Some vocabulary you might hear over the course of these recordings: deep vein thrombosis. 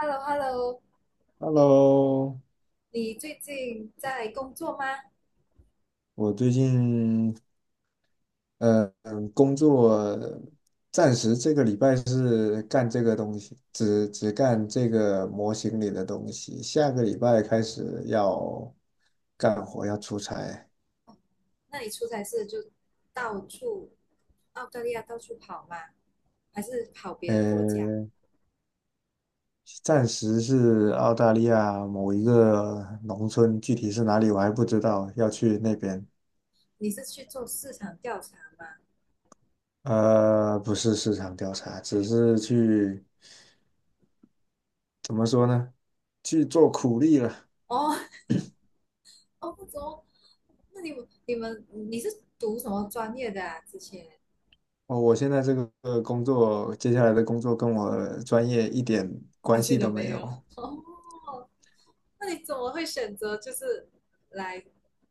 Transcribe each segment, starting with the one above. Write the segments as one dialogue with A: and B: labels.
A: Hello，Hello，
B: Hello，
A: 你最近在工作吗？
B: 我最近工作暂时这个礼拜是干这个东西，只干这个模型里的东西。下个礼拜开始要干活，要出差。
A: 那你出差是就到处澳大利亚到处跑吗？还是跑别的国家？
B: 呃，暂时是澳大利亚某一个农村，具体是哪里我还不知道，要去那边。
A: 你是去做市场调查吗？
B: 不是市场调查，只是去怎么说呢？去做苦力了。
A: 哦 哦，不么？那你是读什么专业的啊？之前
B: 哦，我现在这个工作，接下来的工作跟我专业一点
A: 关
B: 关
A: 系
B: 系
A: 都
B: 都没
A: 没有。
B: 有，
A: 哦，那你怎么会选择就是来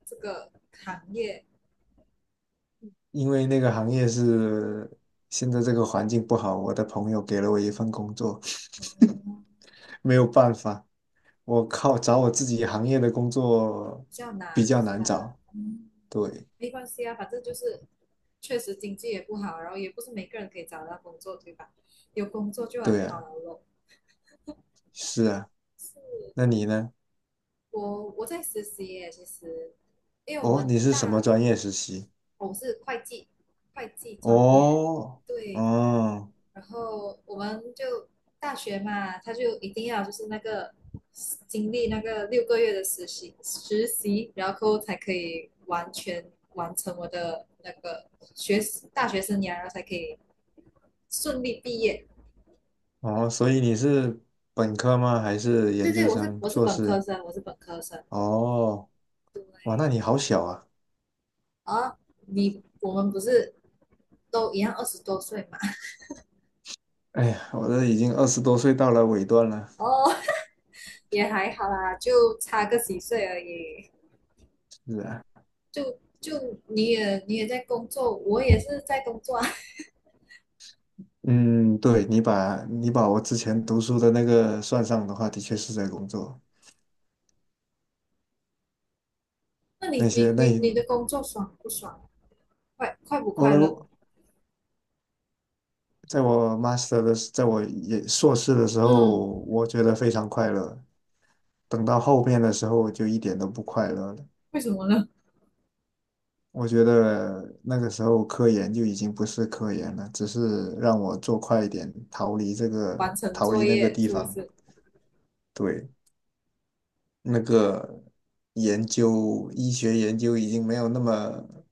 A: 这个行业？
B: 因为那个行业是现在这个环境不好，我的朋友给了我一份工作，
A: 哦，
B: 没有办法，我靠，找我自己行业的工作
A: 比较
B: 比
A: 难
B: 较
A: 是
B: 难
A: 吧？
B: 找。
A: 嗯，
B: 对，
A: 没关系啊，反正就是确实经济也不好，然后也不是每个人可以找到工作，对吧？有工作就很
B: 对
A: 好
B: 啊，
A: 了咯。
B: 是啊，那
A: 是
B: 你呢？
A: 我在实习耶，其实，因为我
B: 哦，
A: 们
B: 你是什么
A: 大
B: 专业实习？
A: 我是会计，会计专业，
B: 哦，
A: 对，
B: 哦，
A: 然后我们就大学嘛，他就一定要就是那个经历那个6个月的实习，然后才可以完全完成我的那个学大学生涯，然后才可以顺利毕业。
B: 哦，所以你是本科吗？还是
A: 对
B: 研
A: 对，
B: 究
A: 我是
B: 生、
A: 我是
B: 硕
A: 本科
B: 士？
A: 生，我是本科生。
B: 哦。哇，那你好小啊！
A: 啊，我们不是都一样20多岁嘛？
B: 哎呀，我都已经二十多岁到了尾端了。
A: 哦，也还好啦，就差个几岁而已。
B: 是啊，
A: 就你也在工作，我也是在工作啊。
B: 嗯，对，你把我之前读书的那个算上的话，的确是在工作。
A: 那你
B: 那些
A: 你
B: 那
A: 你你的工作爽不爽？快不
B: 我
A: 快
B: 能
A: 乐？
B: 够在我也硕士的时候，
A: 嗯，
B: 我觉得非常快乐。等到后面的时候，我就一点都不快乐了。
A: 为什么呢？
B: 我觉得那个时候科研就已经不是科研了，只是让我做快一点，逃离这
A: 完
B: 个，
A: 成
B: 逃
A: 作
B: 离那个
A: 业
B: 地
A: 是不
B: 方。
A: 是？
B: 对。那个研究，医学研究已经没有那么，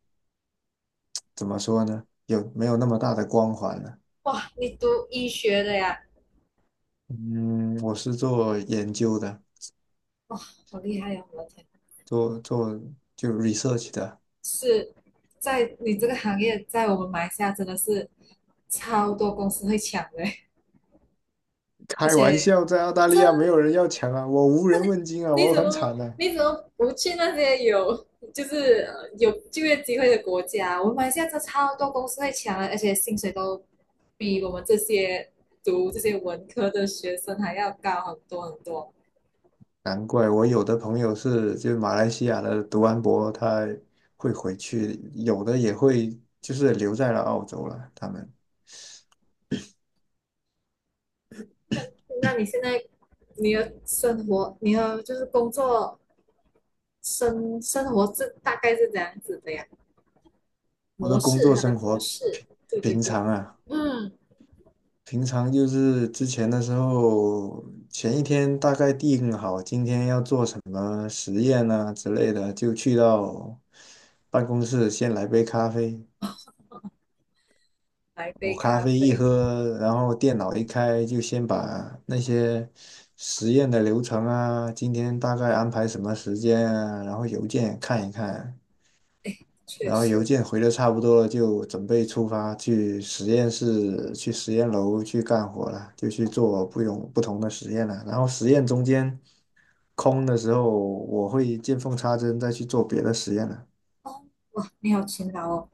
B: 怎么说呢？有没有那么大的光环了？
A: 哇，你读医学的呀？
B: 嗯，我是做研究的，
A: 哇，好厉害呀！我的天，
B: 做就 research 的。
A: 是在你这个行业，在我们马来西亚真的是超多公司会抢的，而
B: 开玩
A: 且
B: 笑，在澳大利
A: 真
B: 亚没有人要抢啊，我无人问津啊，
A: 你
B: 我
A: 怎么
B: 很惨啊。
A: 你怎么不去那些有有就业机会的国家？我们马来西亚这超多公司会抢的，而且薪水都比我们这些读这些文科的学生还要高很多很多。
B: 难怪我有的朋友是就马来西亚的读完博，他会回去，有的也会就是留在了澳洲了。
A: 那那你现在你的生活，你的就是工作生活是大概是这样子的呀？
B: 我的
A: 模
B: 工
A: 式，
B: 作
A: 它的
B: 生
A: 模
B: 活
A: 式，
B: 平
A: 对对
B: 平
A: 对，
B: 常啊。
A: 嗯，
B: 平常就是之前的时候，前一天大概定好今天要做什么实验啊之类的，就去到办公室先来杯咖啡。
A: 来
B: 我
A: 杯
B: 咖
A: 咖
B: 啡一
A: 啡，
B: 喝，然后电脑一开，就先把那些实验的流程啊，今天大概安排什么时间啊，然后邮件看一看，
A: 哎，确
B: 然后邮
A: 实，
B: 件回的差不多了，就准备出发去实验室、去实验楼去干活了，就去
A: 哦
B: 做不同的实验了。然后实验中间空的时候，我会见缝插针再去做别的实验了。
A: 哦，哇，你好勤劳哦。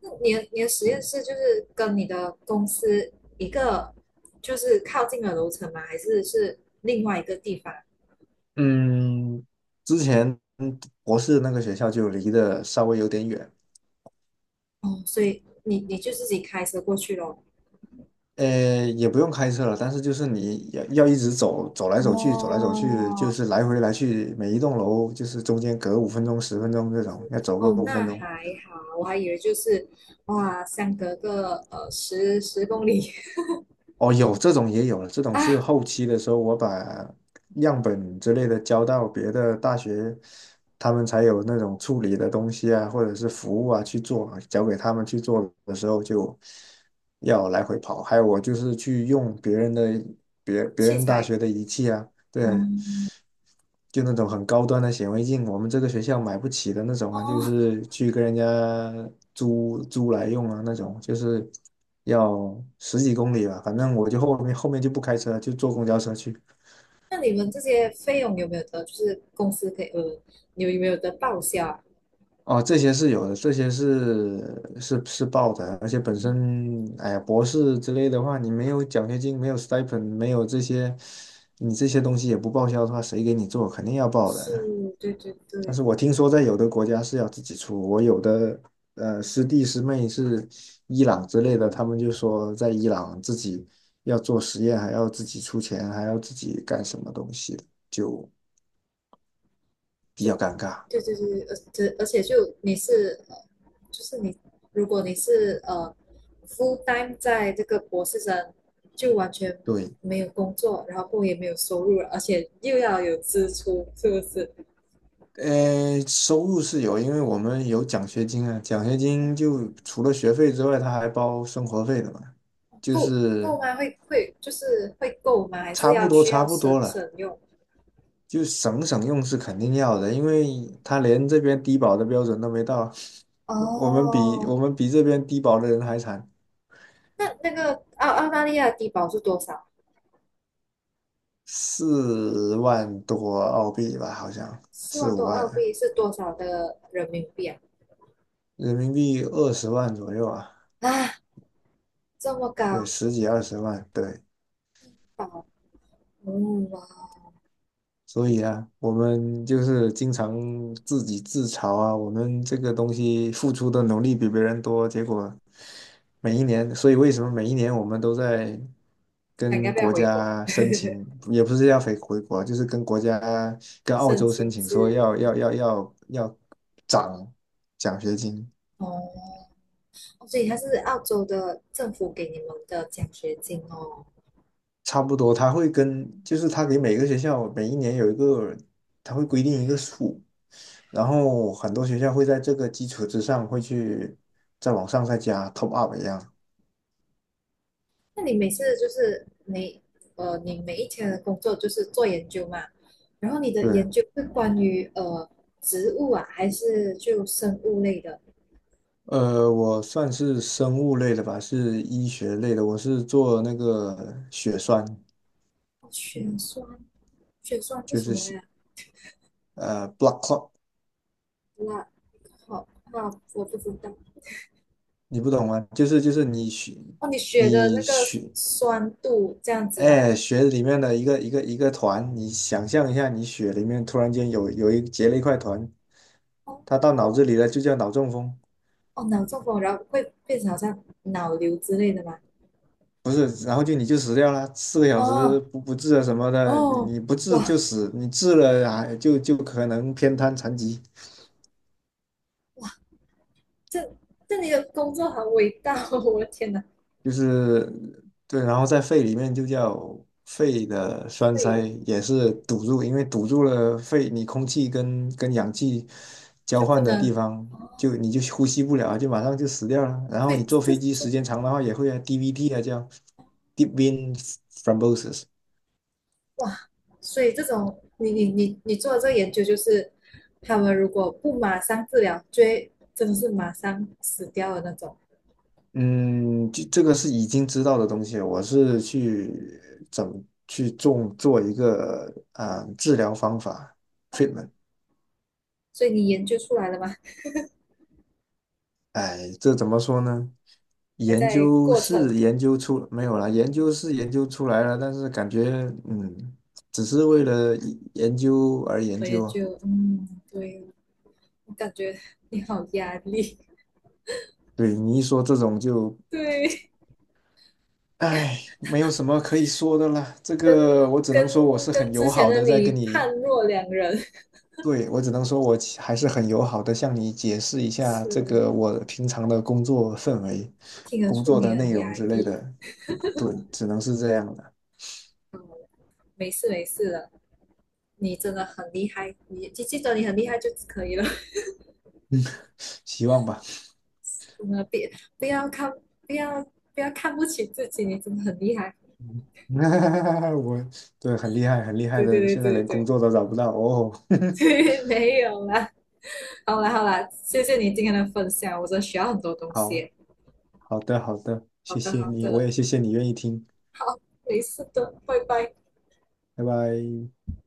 A: 那你的实
B: 就
A: 验室就是跟你的公司一个就是靠近的楼层吗？还是另外一个地方？
B: 嗯，之前博士那个学校就离得稍微有点远，
A: 哦，所以你就自己开车过去咯。
B: 也不用开车了，但是就是你要一直走，走来走去，走来走去，
A: 哦，
B: 就是来回来去，每一栋楼就是中间隔五分钟、10分钟这
A: 就是
B: 种，要走个
A: 哦，
B: 五
A: 那
B: 分钟。
A: 还好，我还以为就是哇，相隔个十公里
B: 哦，有这种也有 了，这种是
A: 啊，
B: 后期的时候，我把样本之类的交到别的大学，他们才有那种处理的东西啊，或者是服务啊去做，交给他们去做的时候就要来回跑。还有我就是去用别
A: 器
B: 人大
A: 材。
B: 学的仪器啊，
A: 哦
B: 对，就那种很高端的显微镜，我们这个学校买不起的那种啊，就
A: 哦，
B: 是去跟人家租来用啊，那种就是要十几公里吧，反正我就后面就不开车，就坐公交车去。
A: 那你们这些费用有没有得就是公司可以你有没有得报销啊？
B: 哦，这些是有的，这些是报的，而且本
A: 嗯，
B: 身，哎呀，博士之类的话，你没有奖学金，没有 stipend，没有这些，你这些东西也不报销的话，谁给你做？肯定要报的。
A: 是，对对
B: 但
A: 对。
B: 是我听说在有的国家是要自己出，我有的师弟师妹是伊朗之类的，他们就说在伊朗自己要做实验，还要自己出钱，还要自己干什么东西的，就比
A: 就
B: 较尴尬。
A: 对对对，而且就你是就是你，如果你是full time 在这个博士生，就完全
B: 对，
A: 没有工作，然后也没有收入，而且又要有支出，是不是？
B: 收入是有，因为我们有奖学金啊，奖学金就除了学费之外，他还包生活费的嘛，就
A: 够够
B: 是
A: 吗？会就是会够吗？还是
B: 差不多
A: 需
B: 差
A: 要
B: 不多
A: 省
B: 了。
A: 省用？
B: 就省省用是肯定要的，因为他连这边低保的标准都没到，我我们比
A: 哦，
B: 我们比这边低保的人还惨，
A: 那个澳大利亚的低保是多少？
B: 4万多澳币吧，好像
A: 四
B: 四
A: 万
B: 五
A: 多澳
B: 万
A: 币是多少的人民币啊？
B: 人民币二十万左右啊，
A: 啊，这么
B: 对，
A: 高，
B: 十几二十万，对，
A: 保，嗯哇。
B: 所以啊，我们就是经常自己自嘲啊，我们这个东西付出的努力比别人多，结果每一年，所以为什么每一年我们都在
A: 想要
B: 跟
A: 不要
B: 国
A: 回国
B: 家申请，也不是要回国，就是跟国家 跟澳
A: 申
B: 洲申
A: 请
B: 请
A: 志
B: 说
A: 愿？
B: 要涨奖学金，
A: 哦，哦所以它是澳洲的政府给你们的奖学金哦。
B: 差不多他会跟，就是他给每个学校每一年有一个，他会规定一个数。然后很多学校会在这个基础之上，会去再往上再加 top up 一样。
A: 那你每一天的工作就是做研究嘛，然后你的
B: 对，
A: 研究是关于植物啊，还是就生物类的？
B: 我算是生物类的吧，是医学类的，我是做那个血栓，
A: 哦血
B: 嗯
A: 栓，血栓是
B: 就
A: 什
B: 是
A: 么呀？
B: blood clot，
A: 那好，那我不知道。
B: 你不懂吗？就是你血
A: 哦，你血的
B: 你
A: 那个
B: 血
A: 酸度这样子吗？
B: 哎血里面的一个一个一个团，你想象一下，你血里面突然间有一结了一块团，
A: 哦，
B: 它到脑子里了，就叫脑中风。
A: 哦，脑中风，然后会变成好像脑瘤之类的吧。
B: 不是，然后就你就死掉了，4个小时
A: 哦
B: 不治啊什么的，你
A: 哦，
B: 你不治就
A: 哇，
B: 死，你治了啊就可能偏瘫残疾，
A: 这这你的工作好伟大哦！我的天哪，
B: 就是对，然后在肺里面就叫肺的栓
A: 所
B: 塞，
A: 以
B: 也是堵住，因为堵住了肺，你空气跟氧气交
A: 就不
B: 换的地
A: 能
B: 方，
A: 哦，
B: 就你就呼吸不了，就马上就死掉了。然
A: 所
B: 后你
A: 以
B: 坐
A: 这
B: 飞机
A: 这
B: 时间长的话，也会啊 DVT 啊叫 deep vein thrombosis。
A: 哇，所以这种你做的这个研究就是，他们如果不马上治疗，就会真的是马上死掉的那种。
B: 嗯，这个是已经知道的东西，我是去怎么去种做一个啊治疗方法 treatment。
A: 所以你研究出来了吗？
B: 哎，这怎么说呢？
A: 还
B: 研
A: 在
B: 究
A: 过程，
B: 是研究出没有啦，研究是研究出来了，但是感觉嗯，只是为了研究而研
A: 我研
B: 究啊。
A: 究，嗯，对，我感觉你好压力，
B: 对你一说这种就，
A: 对。
B: 哎，没有什么可以说的啦，这
A: 跟
B: 个我只能
A: 跟
B: 说我是很
A: 跟
B: 友
A: 之前
B: 好
A: 的
B: 的在
A: 你
B: 跟你。
A: 判若两人，
B: 对，我只能说，我其还是很友好的向你解释一 下这
A: 是
B: 个我平常的工作氛围、
A: 听得
B: 工
A: 出
B: 作
A: 你
B: 的
A: 很
B: 内容
A: 压
B: 之类
A: 抑。
B: 的。对，只能是这样的，
A: 嗯，没事没事的，你真的很厉害，你记得你很厉害就可以了。
B: 希望吧。
A: 真的别不要看不要不要看不起自己，你真的很厉害。
B: 嗯 我对，很厉害，很厉害
A: 对对
B: 的，现在
A: 对对
B: 连工
A: 对
B: 作都找不到哦。
A: 对，没有啦。好啦好啦，谢谢你今天的分享，我真的学到很多东
B: 好，
A: 西。
B: 好的，好的，
A: 好
B: 谢
A: 的
B: 谢
A: 好
B: 你，我
A: 的，
B: 也谢谢你愿意听，
A: 好，没事的，拜拜。
B: 拜拜。